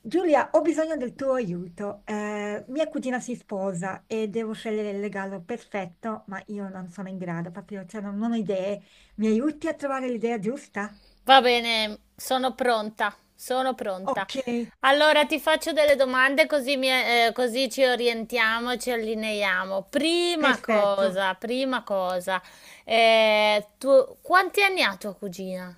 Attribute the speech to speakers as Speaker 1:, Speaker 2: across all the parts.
Speaker 1: Giulia, ho bisogno del tuo aiuto. Mia cugina si sposa e devo scegliere il regalo perfetto, ma io non sono in grado, proprio, cioè, non ho idee. Mi aiuti a trovare l'idea giusta?
Speaker 2: Va bene, sono pronta, sono pronta.
Speaker 1: Ok,
Speaker 2: Allora ti faccio delle domande così, così ci orientiamo, ci allineiamo.
Speaker 1: perfetto.
Speaker 2: Prima cosa, quanti anni ha tua cugina?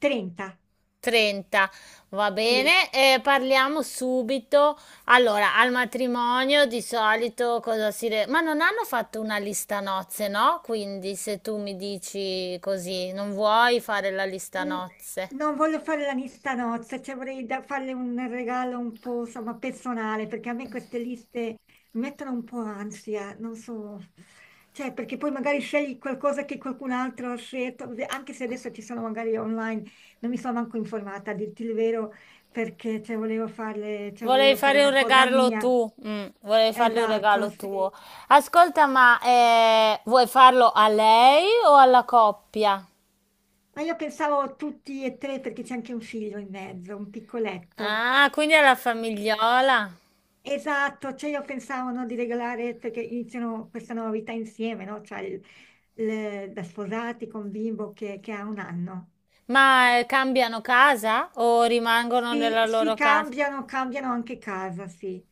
Speaker 1: 30.
Speaker 2: 30, va bene, parliamo subito. Allora, al matrimonio di solito. Ma non hanno fatto una lista nozze, no? Quindi se tu mi dici così, non vuoi fare la lista
Speaker 1: Mm,
Speaker 2: nozze.
Speaker 1: Non voglio fare la lista nozze, cioè vorrei farle un regalo un po', insomma, personale, perché a me queste liste mi mettono un po' ansia, non so, cioè perché poi magari scegli qualcosa che qualcun altro ha scelto, anche se adesso ci sono magari online, non mi sono manco informata, a dirti il vero, perché cioè, cioè,
Speaker 2: Volevi
Speaker 1: volevo fare
Speaker 2: fare un
Speaker 1: una cosa
Speaker 2: regalo
Speaker 1: mia.
Speaker 2: tu, volevi fargli un
Speaker 1: Esatto,
Speaker 2: regalo
Speaker 1: sì.
Speaker 2: tuo. Ascolta, ma vuoi farlo a lei o alla coppia?
Speaker 1: Ma io pensavo tutti e tre perché c'è anche un figlio in mezzo, un piccoletto.
Speaker 2: Ah, quindi alla famigliola.
Speaker 1: Esatto, cioè io pensavo no, di regalare perché iniziano questa nuova vita insieme, no? Cioè da sposati con bimbo che ha un anno.
Speaker 2: Ma cambiano casa o rimangono
Speaker 1: Sì,
Speaker 2: nella
Speaker 1: sì,
Speaker 2: loro casa?
Speaker 1: cambiano, cambiano anche casa, sì.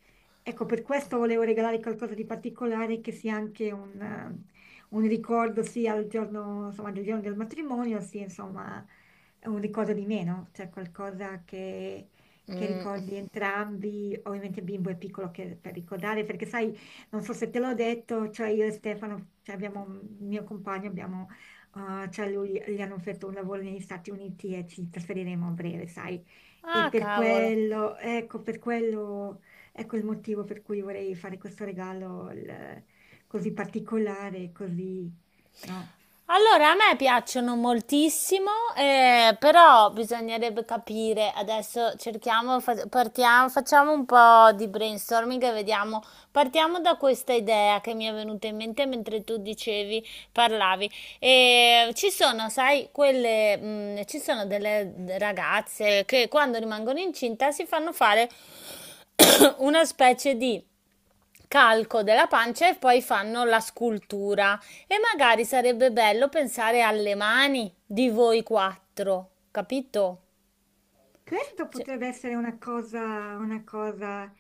Speaker 1: Ecco, per questo volevo regalare qualcosa di particolare che sia anche un ricordo sia insomma, del giorno del matrimonio, sia insomma un ricordo di meno, cioè qualcosa che
Speaker 2: Mm.
Speaker 1: ricordi entrambi. Ovviamente il bimbo è piccolo per ricordare, perché sai, non so se te l'ho detto, cioè io e Stefano, cioè abbiamo, il mio compagno, abbiamo, cioè lui, gli hanno offerto un lavoro negli Stati Uniti e ci trasferiremo a breve, sai. E
Speaker 2: Ah, cavolo.
Speaker 1: per quello, ecco il motivo per cui vorrei fare questo regalo così particolare, così, no?
Speaker 2: Allora, a me piacciono moltissimo, però bisognerebbe capire, adesso cerchiamo, partiamo, facciamo un po' di brainstorming e vediamo, partiamo da questa idea che mi è venuta in mente mentre tu dicevi, parlavi. Ci sono, sai, quelle, ci sono delle ragazze che quando rimangono incinta si fanno fare una specie di calco della pancia e poi fanno la scultura. E magari sarebbe bello pensare alle mani di voi quattro, capito?
Speaker 1: Questo
Speaker 2: Cioè,
Speaker 1: potrebbe essere una cosa,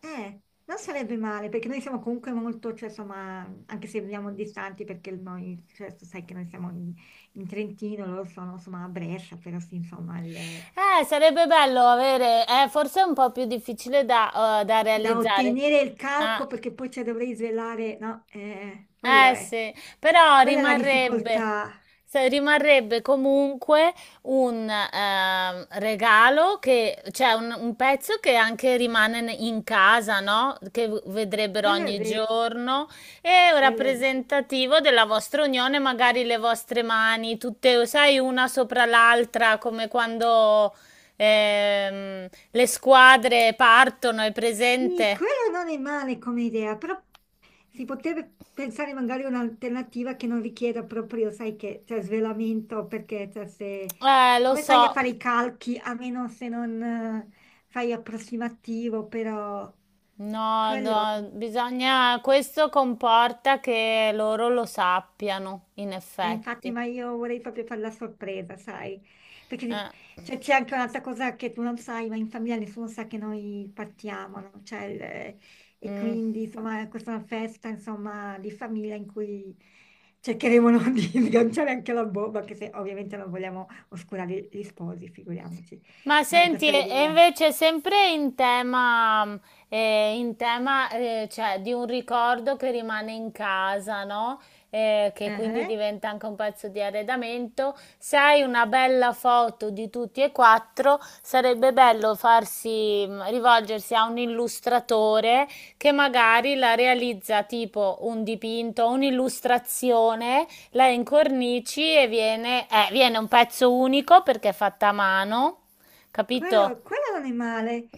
Speaker 1: non sarebbe male, perché noi siamo comunque molto, cioè, insomma, anche se viviamo distanti, perché noi, cioè, tu sai che noi siamo in Trentino, loro sono, insomma, a Brescia, però sì, insomma, il...
Speaker 2: Sarebbe bello avere, forse è un po' più difficile da
Speaker 1: da
Speaker 2: realizzare.
Speaker 1: ottenere il
Speaker 2: Ah.
Speaker 1: calco perché poi ci dovrei svelare, no?
Speaker 2: Eh sì, però
Speaker 1: Quella è la
Speaker 2: rimarrebbe,
Speaker 1: difficoltà,
Speaker 2: se- rimarrebbe comunque un regalo che, cioè un pezzo che anche rimane in casa, no? Che vedrebbero
Speaker 1: quello è
Speaker 2: ogni
Speaker 1: vero,
Speaker 2: giorno e
Speaker 1: quello è vero.
Speaker 2: rappresentativo della vostra unione, magari le vostre mani, tutte, sai, una sopra l'altra, come quando le squadre partono, è
Speaker 1: Sì,
Speaker 2: presente?
Speaker 1: quello non è male come idea, però si potrebbe pensare magari a un'alternativa che non richieda proprio, sai che c'è svelamento, perché cioè, se,
Speaker 2: Lo
Speaker 1: come fai a
Speaker 2: so.
Speaker 1: fare i calchi, a meno se non fai approssimativo, però...
Speaker 2: No, no, bisogna, questo comporta che loro lo sappiano, in
Speaker 1: Infatti,
Speaker 2: effetti.
Speaker 1: ma io vorrei proprio fare la sorpresa, sai? Perché
Speaker 2: Eh,
Speaker 1: cioè, c'è anche un'altra cosa che tu non sai, ma in famiglia nessuno sa che noi partiamo, no? Cioè, e
Speaker 2: mm.
Speaker 1: quindi, insomma, questa è una festa, insomma, di famiglia in cui cercheremo no, di sganciare anche la bomba, anche se ovviamente non vogliamo oscurare gli sposi, figuriamoci.
Speaker 2: Ma
Speaker 1: Non è
Speaker 2: senti,
Speaker 1: questa
Speaker 2: e
Speaker 1: l'idea.
Speaker 2: invece sempre in tema cioè, di un ricordo che rimane in casa, no? Che quindi
Speaker 1: Eh.
Speaker 2: diventa anche un pezzo di arredamento. Se hai una bella foto di tutti e quattro, sarebbe bello farsi, rivolgersi a un illustratore che magari la realizza tipo un dipinto, un'illustrazione, la incornici e viene un pezzo unico perché è fatta a mano, capito?
Speaker 1: Quello, quello non è male.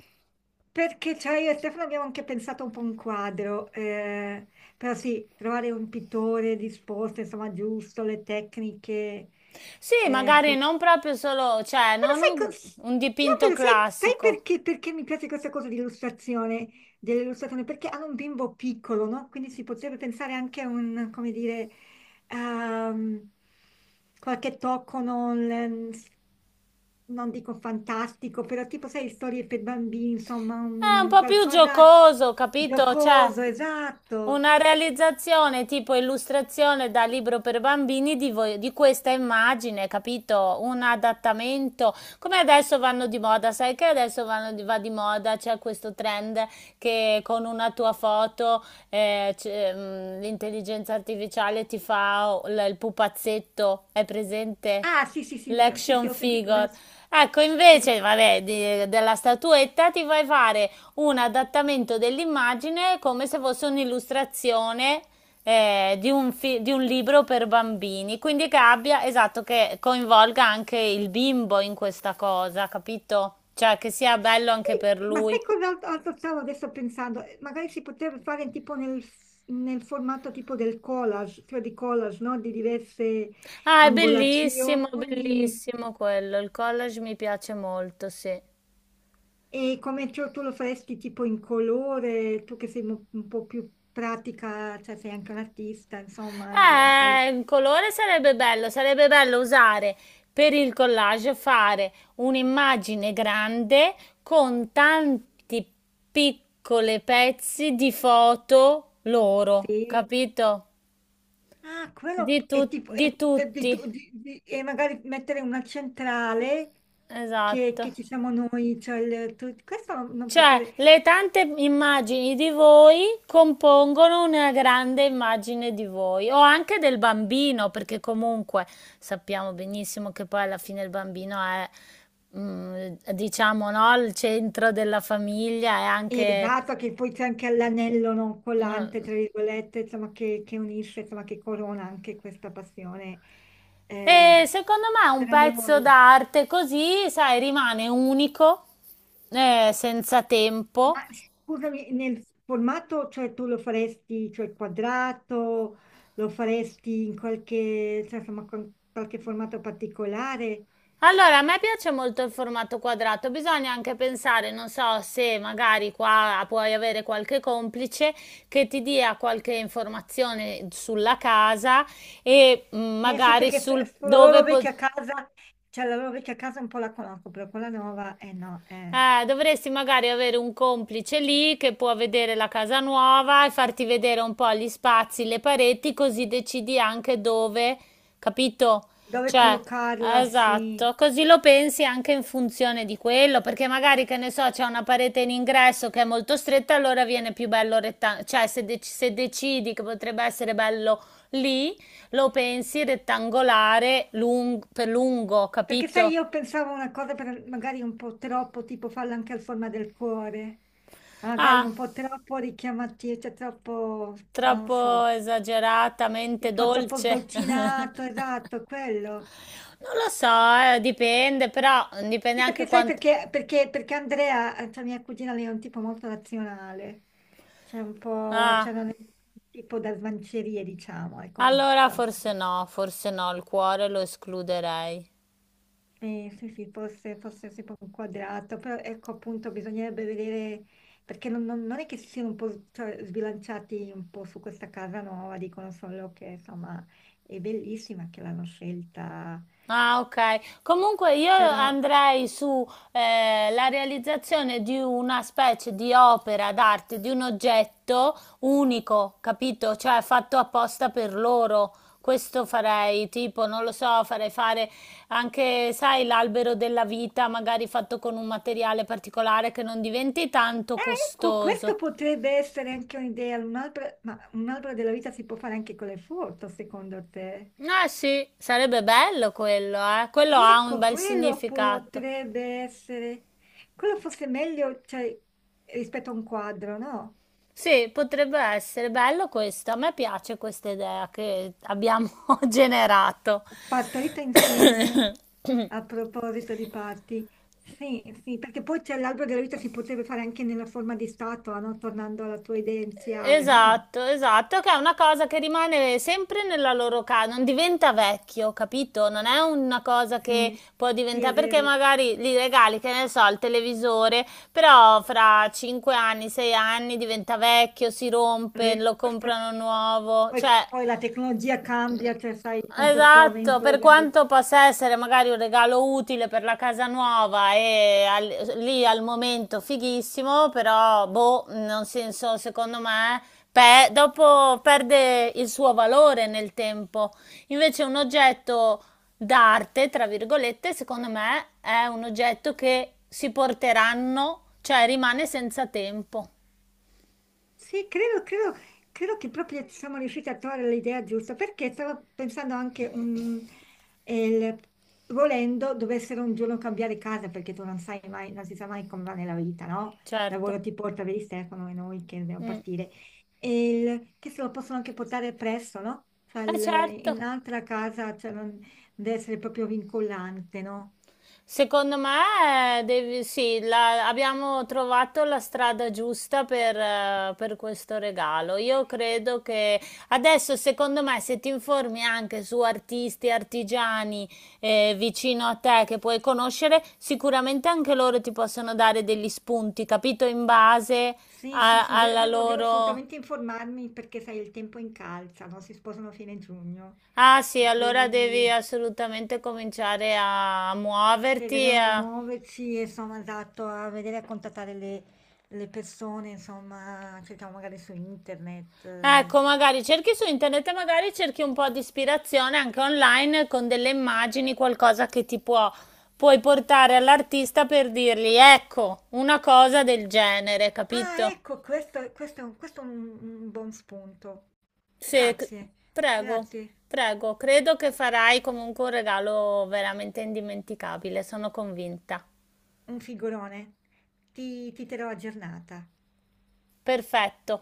Speaker 1: Perché cioè io e Stefano abbiamo anche pensato un po' un quadro, però sì, trovare un pittore disposto, insomma, giusto, le tecniche,
Speaker 2: Sì,
Speaker 1: ecco.
Speaker 2: magari non proprio solo, cioè,
Speaker 1: Però
Speaker 2: non
Speaker 1: sai,
Speaker 2: un, un
Speaker 1: no,
Speaker 2: dipinto
Speaker 1: però sai
Speaker 2: classico.
Speaker 1: perché mi piace questa cosa di illustrazione, dell'illustrazione? Perché hanno un bimbo piccolo, no? Quindi si potrebbe pensare anche a come dire, ehm, qualche tocco non dico fantastico, però tipo, sai, storie per bambini, insomma,
Speaker 2: È un
Speaker 1: un
Speaker 2: po' più
Speaker 1: qualcosa
Speaker 2: giocoso, capito? Cioè,
Speaker 1: giocoso, esatto.
Speaker 2: una realizzazione tipo illustrazione da libro per bambini di questa immagine, capito? Un adattamento, come adesso vanno di moda, sai che adesso vanno di, va di moda, c'è questo trend che con una tua foto c'è, l'intelligenza artificiale ti fa il pupazzetto, è presente?
Speaker 1: Ah, sì, sì, sì, sì, sì,
Speaker 2: L'action
Speaker 1: ho sentito. Ne ho
Speaker 2: figure. Ecco,
Speaker 1: sentito.
Speaker 2: invece, vabbè, della statuetta ti vai a fare un adattamento dell'immagine come se fosse un'illustrazione, di un libro per bambini, quindi che abbia, esatto, che coinvolga anche il bimbo in questa cosa, capito? Cioè che sia bello anche
Speaker 1: Sì,
Speaker 2: per
Speaker 1: ma
Speaker 2: lui.
Speaker 1: sai cos'altro altro stavo adesso pensando? Magari si potrebbe fare tipo nel formato tipo cioè di collage, no? Di diverse
Speaker 2: Ah, è bellissimo,
Speaker 1: angolazioni
Speaker 2: bellissimo quello, il collage mi piace molto, sì.
Speaker 1: e come tu lo faresti tipo in colore, tu che sei un po' più pratica, cioè sei anche un artista, insomma,
Speaker 2: Un colore sarebbe bello usare per il collage, fare un'immagine grande con tanti piccoli pezzi di foto loro,
Speaker 1: sì.
Speaker 2: capito?
Speaker 1: Ah,
Speaker 2: Di,
Speaker 1: quello è
Speaker 2: tu-
Speaker 1: tipo,
Speaker 2: di
Speaker 1: è di
Speaker 2: tutti,
Speaker 1: tu- di- e magari mettere una centrale che,
Speaker 2: esatto.
Speaker 1: che ci siamo noi, cioè questo non
Speaker 2: Cioè,
Speaker 1: poteva,
Speaker 2: le tante immagini di voi compongono una grande immagine di voi, o anche del bambino, perché comunque sappiamo benissimo che poi alla fine il bambino è, diciamo, no, il centro della famiglia, è anche.
Speaker 1: Esatto, che poi c'è anche l'anello non collante,
Speaker 2: Mm.
Speaker 1: tra virgolette, insomma, che unisce, insomma, che corona anche questa passione
Speaker 2: E
Speaker 1: eh,
Speaker 2: secondo me un
Speaker 1: tra
Speaker 2: pezzo
Speaker 1: loro.
Speaker 2: d'arte così, sai, rimane unico, senza tempo.
Speaker 1: Ma scusami, nel formato, cioè tu lo faresti, cioè quadrato, lo faresti in qualche, cioè, insomma, con qualche formato particolare?
Speaker 2: Allora, a me piace molto il formato quadrato, bisogna anche pensare, non so, se magari qua puoi avere qualche complice che ti dia qualche informazione sulla casa e
Speaker 1: Eh sì,
Speaker 2: magari
Speaker 1: perché
Speaker 2: sul
Speaker 1: sulla loro
Speaker 2: dove.
Speaker 1: vecchia casa, cioè la loro vecchia casa un po' la conosco, però quella nuova, eh no, eh.
Speaker 2: Dovresti magari avere un complice lì che può vedere la casa nuova e farti vedere un po' gli spazi, le pareti, così decidi anche dove, capito?
Speaker 1: Dove
Speaker 2: Cioè,
Speaker 1: collocarla, sì.
Speaker 2: esatto, così lo pensi anche in funzione di quello, perché magari, che ne so, c'è una parete in ingresso che è molto stretta, allora viene più bello rettangolare, cioè se decidi che potrebbe essere bello lì, lo pensi rettangolare per lungo,
Speaker 1: Perché sai,
Speaker 2: capito?
Speaker 1: io pensavo una cosa magari un po' troppo, tipo farla anche al forma del cuore, magari
Speaker 2: Ah,
Speaker 1: un po' troppo richiamativo, cioè troppo, non lo
Speaker 2: troppo
Speaker 1: so,
Speaker 2: esageratamente
Speaker 1: tipo troppo
Speaker 2: dolce.
Speaker 1: sdolcinato, esatto, quello.
Speaker 2: Non lo so, dipende, però dipende
Speaker 1: Sì,
Speaker 2: anche
Speaker 1: perché sai
Speaker 2: quanto.
Speaker 1: perché Andrea, cioè mia cugina, lei è un tipo molto razionale, cioè un po',
Speaker 2: Ah,
Speaker 1: cioè non è un tipo da smancerie, diciamo, è come,
Speaker 2: allora
Speaker 1: insomma.
Speaker 2: forse no, il cuore lo escluderei.
Speaker 1: Sì, sì, sì, forse si può inquadrato, però ecco appunto bisognerebbe vedere, perché non è che si siano un po' cioè, sbilanciati un po' su questa casa nuova, dicono solo che insomma è bellissima che l'hanno scelta,
Speaker 2: Ah, ok. Comunque io
Speaker 1: però
Speaker 2: andrei su la realizzazione di una specie di opera d'arte, di un oggetto unico, capito? Cioè fatto apposta per loro. Questo farei, tipo, non lo so, farei fare anche, sai, l'albero della vita, magari fatto con un materiale particolare che non diventi tanto
Speaker 1: eh, ecco, questo
Speaker 2: costoso.
Speaker 1: potrebbe essere anche un'idea, un albero, ma un albero della vita si può fare anche con le foto, secondo te?
Speaker 2: Ah, sì, sarebbe bello quello, eh. Quello ha un
Speaker 1: Ecco,
Speaker 2: bel
Speaker 1: quello
Speaker 2: significato.
Speaker 1: potrebbe essere, quello fosse meglio, cioè, rispetto a un quadro, no?
Speaker 2: Sì, potrebbe essere bello questo. A me piace questa idea che abbiamo generato.
Speaker 1: Partorita insieme, a proposito di parti. Sì, sì, perché poi c'è l'albero della vita si potrebbe fare anche nella forma di statua, no? Tornando alla tua idea iniziale, no?
Speaker 2: Esatto, esatto, che è una cosa che rimane sempre nella loro casa, non diventa vecchio, capito? Non è una cosa che
Speaker 1: Sì,
Speaker 2: può
Speaker 1: sì,
Speaker 2: diventare, perché magari gli regali, che ne so, il televisore, però fra 5 anni, 6 anni diventa vecchio, si
Speaker 1: è
Speaker 2: rompe,
Speaker 1: vero,
Speaker 2: lo
Speaker 1: questo è
Speaker 2: comprano
Speaker 1: vero.
Speaker 2: nuovo,
Speaker 1: Poi,
Speaker 2: cioè.
Speaker 1: poi la tecnologia cambia, cioè sai, con questo
Speaker 2: Esatto,
Speaker 1: avvento
Speaker 2: per
Speaker 1: del.
Speaker 2: quanto possa essere magari un regalo utile per la casa nuova e lì al momento fighissimo, però boh, non senso, secondo me, dopo perde il suo valore nel tempo. Invece un oggetto d'arte, tra virgolette, secondo me è un oggetto che si porteranno, cioè rimane senza tempo.
Speaker 1: Sì, credo che proprio siamo riusciti a trovare l'idea giusta, perché stavo pensando anche, eh, il- volendo, dovessero un giorno cambiare casa, perché tu non sai mai, non si sa mai come va nella vita, no? Il
Speaker 2: Certo.
Speaker 1: lavoro ti porta, vedi Stefano e noi che dobbiamo
Speaker 2: Mm.
Speaker 1: partire, e che se lo possono anche portare presso, no? Cioè,
Speaker 2: Eh certo.
Speaker 1: in un'altra casa, cioè non deve essere proprio vincolante, no?
Speaker 2: Secondo me, sì, abbiamo trovato la strada giusta per questo regalo. Io credo che adesso, secondo me, se ti informi anche su artisti, artigiani, vicino a te che puoi conoscere, sicuramente anche loro ti possono dare degli spunti, capito? In base
Speaker 1: Sì, sì, sì, de-
Speaker 2: alla
Speaker 1: devo, devo
Speaker 2: loro.
Speaker 1: assolutamente informarmi perché sai, il tempo incalza, no? Si sposano a fine giugno
Speaker 2: Ah sì,
Speaker 1: e
Speaker 2: allora devi
Speaker 1: quindi
Speaker 2: assolutamente cominciare a
Speaker 1: cioè,
Speaker 2: muoverti.
Speaker 1: dobbiamo muoverci, insomma, esatto, a vedere a contattare le persone, insomma, cerchiamo magari su internet. Eh.
Speaker 2: Ecco, magari cerchi su internet e magari cerchi un po' di ispirazione anche online con delle immagini, qualcosa che ti può, puoi portare all'artista per dirgli, ecco, una cosa del genere,
Speaker 1: Ah,
Speaker 2: capito?
Speaker 1: ecco, questo è un buon spunto.
Speaker 2: Sì,
Speaker 1: Grazie,
Speaker 2: prego,
Speaker 1: grazie,
Speaker 2: prego, credo che farai comunque un regalo veramente indimenticabile, sono convinta.
Speaker 1: un figurone. Ti terrò aggiornata.
Speaker 2: Perfetto.